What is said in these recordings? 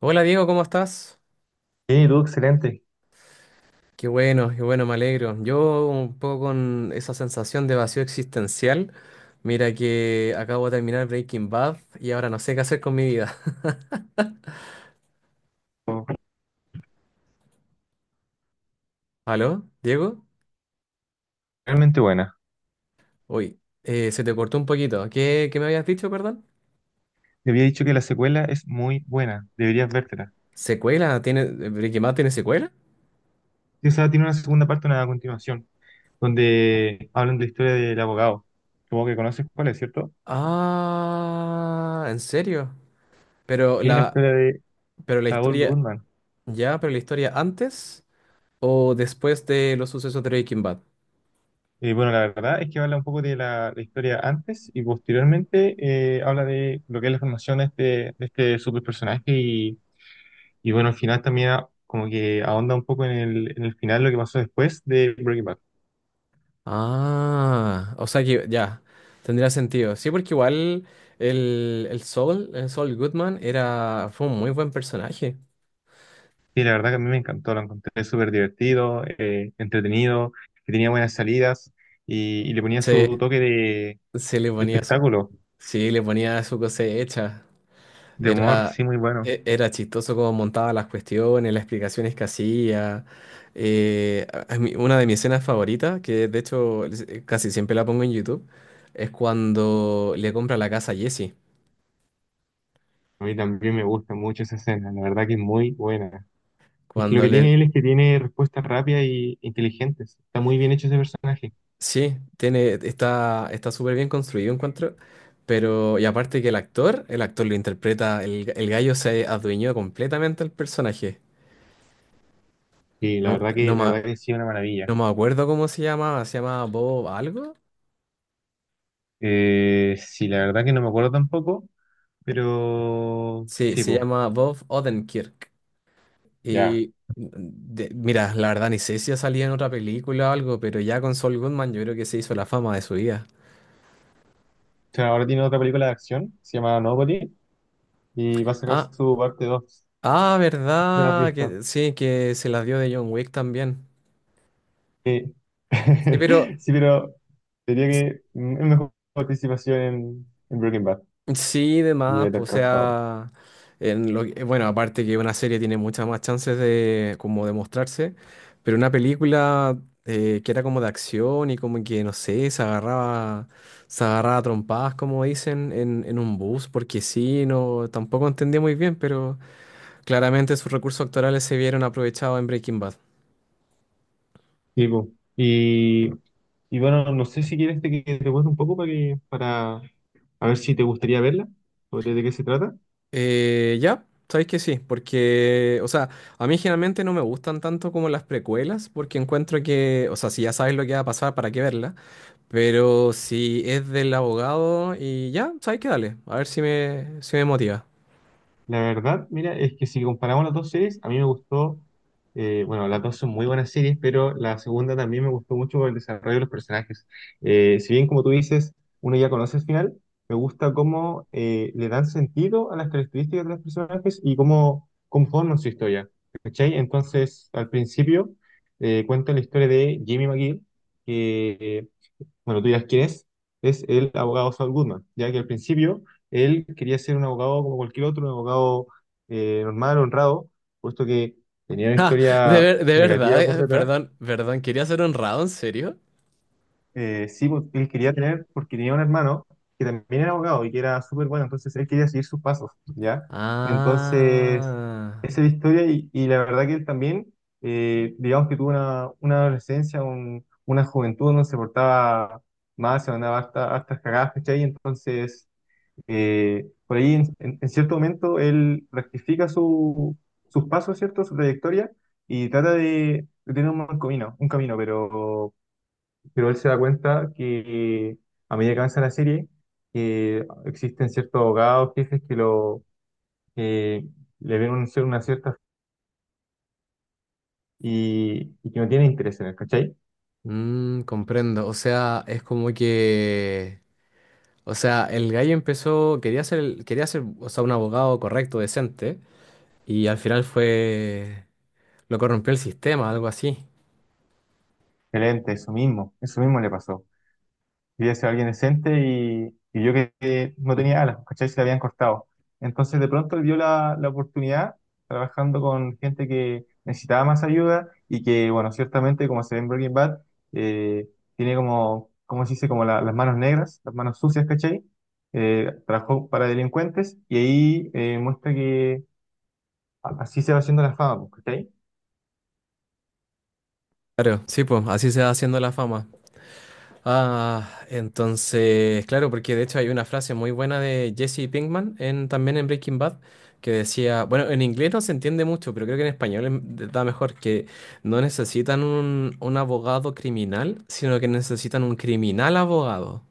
Hola Diego, ¿cómo estás? Sí, tú, excelente. Qué bueno, me alegro. Yo un poco con esa sensación de vacío existencial. Mira que acabo de terminar Breaking Bad y ahora no sé qué hacer con mi vida. ¿Aló, Diego? Realmente buena. Uy, se te cortó un poquito. ¿Qué me habías dicho, perdón? Te había dicho que la secuela es muy buena. Deberías vértela. ¿Secuela? ¿ Breaking Bad tiene secuela? Sí, o sea, tiene una segunda parte, una continuación, donde hablan de la historia del abogado. Como que conoces cuál es, ¿cierto? Ah, ¿en serio? Pero Y la la, historia de pero la Saul historia, Goodman. ya, pero la historia antes o después de los sucesos de Breaking Bad. Y bueno, la verdad es que habla un poco de la historia antes y posteriormente habla de lo que es la formación de este super personaje y bueno, al final también como que ahonda un poco en el final lo que pasó después de Breaking Bad. Ah, o sea que ya, tendría sentido. Sí, porque igual el Saul Goodman era, fue un muy buen personaje. Sí, la verdad que a mí me encantó, lo encontré súper divertido, entretenido, que tenía buenas salidas y le ponía Sí, su toque sí le de ponía su, espectáculo, sí, le ponía su cosecha. de humor, Era, sí, muy bueno. Era chistoso cómo montaba las cuestiones, las explicaciones que hacía. Una de mis escenas favoritas, que de hecho casi siempre la pongo en YouTube, es cuando le compra la casa a Jesse. A mí también me gusta mucho esa escena, la verdad que es muy buena. Es que lo Cuando que le, tiene él es que tiene respuestas rápidas y inteligentes, está muy bien hecho ese personaje. Sí, tiene, está, está súper bien construido, encuentro. Pero, y aparte que el actor lo interpreta, el gallo se adueñó completamente al personaje. Sí, No, no, la verdad ma- que sí, una maravilla. no me acuerdo cómo se llamaba, ¿se llama Bob algo? Sí, la verdad que no me acuerdo tampoco, pero Sí, sí, se pues, llama Bob Odenkirk. ya. Y mira, la verdad ni sé si ha salido en otra película o algo, pero ya con Saul Goodman yo creo que se hizo la fama de su vida. O sea, ahora tiene otra película de acción, se llama Nobody y va a sacar Ah, su parte dos. ah, No sé si la has verdad, visto. que sí, que se la dio de John Wick también. Sí, Sí, pero. sí, pero diría que es mejor participación en Breaking Bad Sí, y demás, Better o Call Saul. sea, bueno, aparte que una serie tiene muchas más chances de como de mostrarse, pero una película que era como de acción y como que, no sé, se agarraba a trompadas, como dicen, en un bus, porque sí, no, tampoco entendía muy bien, pero claramente sus recursos actorales se vieron aprovechados en Breaking Bad. Sí, po. Y, y bueno, no sé si quieres que te cuente un poco para que, para a ver si te gustaría verla, sobre de qué se trata. Ya, sabéis que sí, porque, o sea, a mí generalmente no me gustan tanto como las precuelas, porque encuentro que, o sea, si ya sabes lo que va a pasar, ¿para qué verla? Pero si es del abogado y ya, sabéis que dale, a ver si me motiva. La verdad, mira, es que si comparamos las dos series, a mí me gustó, bueno, las dos son muy buenas series, pero la segunda también me gustó mucho por el desarrollo de los personajes. Si bien, como tú dices, uno ya conoce el final, me gusta cómo le dan sentido a las características de los personajes y cómo conforman su historia. ¿Cachai? Entonces, al principio, cuenta la historia de Jimmy McGill, que bueno, tú dirás quién es el abogado Saul Goodman, ya que al principio él quería ser un abogado como cualquier otro, un abogado normal, honrado, puesto que tenía una Ah, historia de verdad, negativa por detrás. Perdón, ¿quería ser honrado, en serio? Sí, pues, él quería tener, porque tenía un hermano que también era abogado y que era súper bueno, entonces él quería seguir sus pasos, ¿ya? Entonces, Ah, esa es la historia y la verdad que él también, digamos que tuvo una adolescencia, una juventud donde se portaba mal, se mandaba hasta, hasta cagadas, ¿cachai? Entonces, por ahí en, en cierto momento él rectifica su, sus pasos, ¿cierto? Su trayectoria y trata de tener un buen camino, un camino, pero él se da cuenta que a medida que avanza la serie, que existen ciertos abogados, jefes que lo que le ven una cierta y que no tienen interés en él, ¿cachai? mm, comprendo, o sea, es como que... O sea, el gallo empezó, quería ser, o sea, un abogado correcto, decente, y al final fue... Lo corrompió el sistema, algo así. Excelente, eso mismo le pasó. Quería ser alguien decente y yo que no tenía alas, ¿cachai? Se le habían cortado. Entonces de pronto dio la, la oportunidad trabajando con gente que necesitaba más ayuda y que, bueno, ciertamente, como se ve en Breaking Bad, eh, tiene como, ¿cómo se dice? Como las manos negras, las manos sucias, ¿cachai? Trabajó para delincuentes y ahí muestra que así se va haciendo la fama, pues, ¿cachai? Claro, sí, pues así se va haciendo la fama. Ah, entonces, claro, porque de hecho hay una frase muy buena de Jesse Pinkman en, también en Breaking Bad que decía, bueno, en inglés no se entiende mucho, pero creo que en español da mejor, que no necesitan un abogado criminal, sino que necesitan un criminal abogado.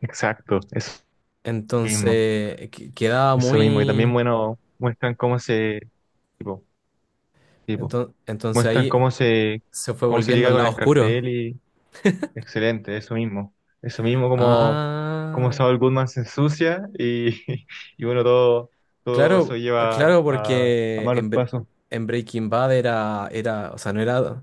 Exacto, eso mismo, Entonces, quedaba eso mismo. Y también, muy... bueno, muestran cómo se... Tipo, tipo. Entonces Muestran ahí se fue cómo se volviendo liga al con lado el oscuro. cartel y excelente, eso mismo. Eso mismo como, como Ah, Saul Goodman se ensucia y bueno, todo, todo eso claro, lleva claro, a malos pasos. en Breaking Bad era, era, o sea, no era,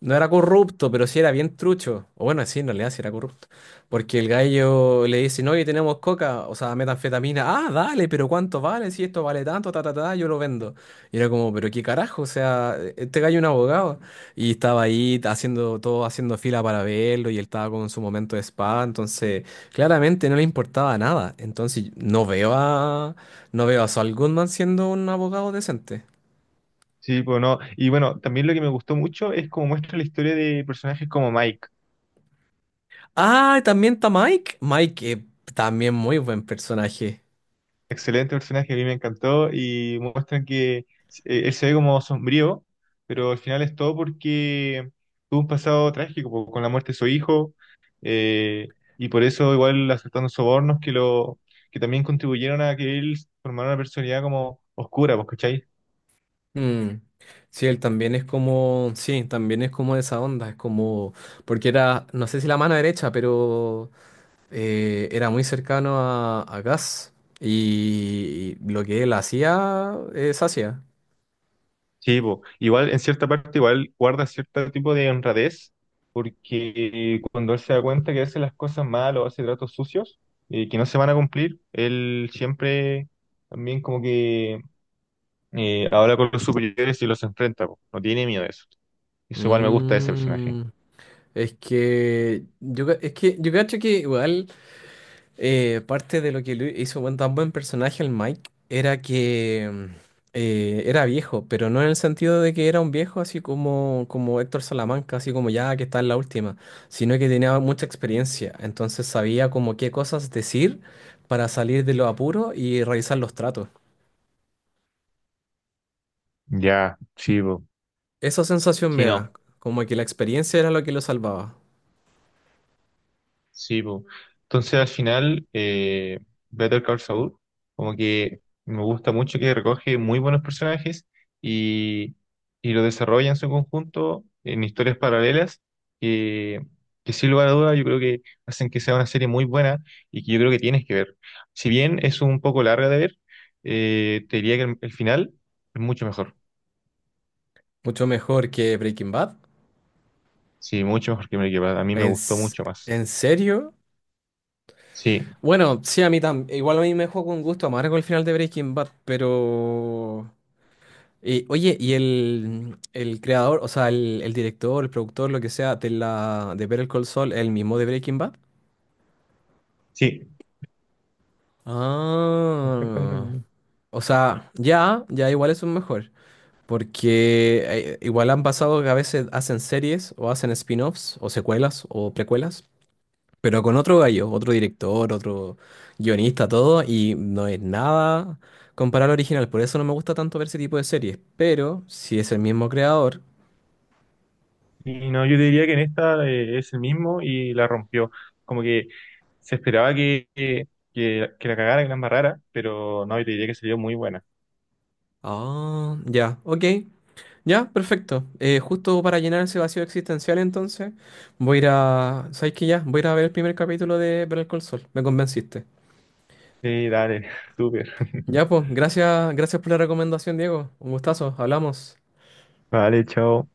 no era corrupto, pero sí era bien trucho. O bueno, sí, en realidad sí era corrupto. Porque el gallo le dice, no, y tenemos coca, o sea, metanfetamina. Ah, dale, pero ¿cuánto vale? Si esto vale tanto, ta, ta, ta, yo lo vendo. Y era como, pero qué carajo, o sea, este gallo es un abogado. Y estaba ahí haciendo todo, haciendo fila para verlo, y él estaba con su momento de spa, entonces claramente no le importaba nada. No veo a Saul Goodman siendo un abogado decente. Sí, pues no. Y bueno, también lo que me gustó mucho es cómo muestra la historia de personajes como Mike. Ah, también está Mike. También muy buen personaje. Excelente personaje, a mí me encantó y muestran que él se ve como sombrío, pero al final es todo porque tuvo un pasado trágico po, con la muerte de su hijo. Y por eso igual aceptando sobornos que lo que también contribuyeron a que él formara una personalidad como oscura, pues. Mm. Sí, él también es como, sí, también es como de esa onda, es como, porque era, no sé si la mano derecha, pero era muy cercano a Gus y lo que él hacía, es hacía. Sí, po. Igual en cierta parte igual guarda cierto tipo de honradez, porque cuando él se da cuenta que hace las cosas mal o hace tratos sucios, que no se van a cumplir, él siempre también como que habla con los superiores y los enfrenta, po. No tiene miedo de eso. Eso igual me gusta de ese personaje. Mm. Es que yo cacho que igual parte de lo que lo hizo tan buen personaje el Mike era que era viejo, pero no en el sentido de que era un viejo así como, como Héctor Salamanca, así como ya que está en la última, sino que tenía mucha experiencia, entonces sabía como qué cosas decir para salir de los apuros y realizar los tratos. Ya, sí, po. Esa sensación Sí, me da, no. como que la experiencia era lo que lo salvaba. Sí, po. Entonces al final, Better Call Saul, como que me gusta mucho que recoge muy buenos personajes y, y lo desarrolla en su conjunto en historias paralelas que, que sin lugar a dudas yo creo que hacen que sea una serie muy buena y que yo creo que tienes que ver. Si bien es un poco larga de ver, te diría que el final es mucho mejor. Mucho mejor que Breaking Bad. Sí, mucho mejor que Breaking Bad. A mí me ¿En, gustó s- mucho más. ¿En serio? Sí, Bueno, sí, a mí también. Igual a mí me dejó con gusto amargo el final de Breaking Bad, pero... oye, ¿y el creador, o sea, el director, el productor, lo que sea, de la de Better Call Saul, el mismo de Breaking Bad? sí. Ah, o sea, ya, ya igual es un mejor. Porque igual han pasado que a veces hacen series o hacen spin-offs o secuelas o precuelas. Pero con otro gallo, otro director, otro guionista, todo, y no es nada comparado al original. Por eso no me gusta tanto ver ese tipo de series. Pero si es el mismo creador. Y no, yo diría que en esta es el mismo y la rompió. Como que se esperaba que, la cagara, que la embarrara, pero no, yo diría que salió muy buena. Ah, ya, ok. Ya, perfecto. Justo para llenar ese vacío existencial, entonces, voy a ir a. ¿Sabes qué ya? Voy a ir a ver el primer capítulo de Better Call Saul. Me convenciste. Sí, dale, súper. Ya, pues, gracias, gracias por la recomendación, Diego. Un gustazo, hablamos. Vale, chao.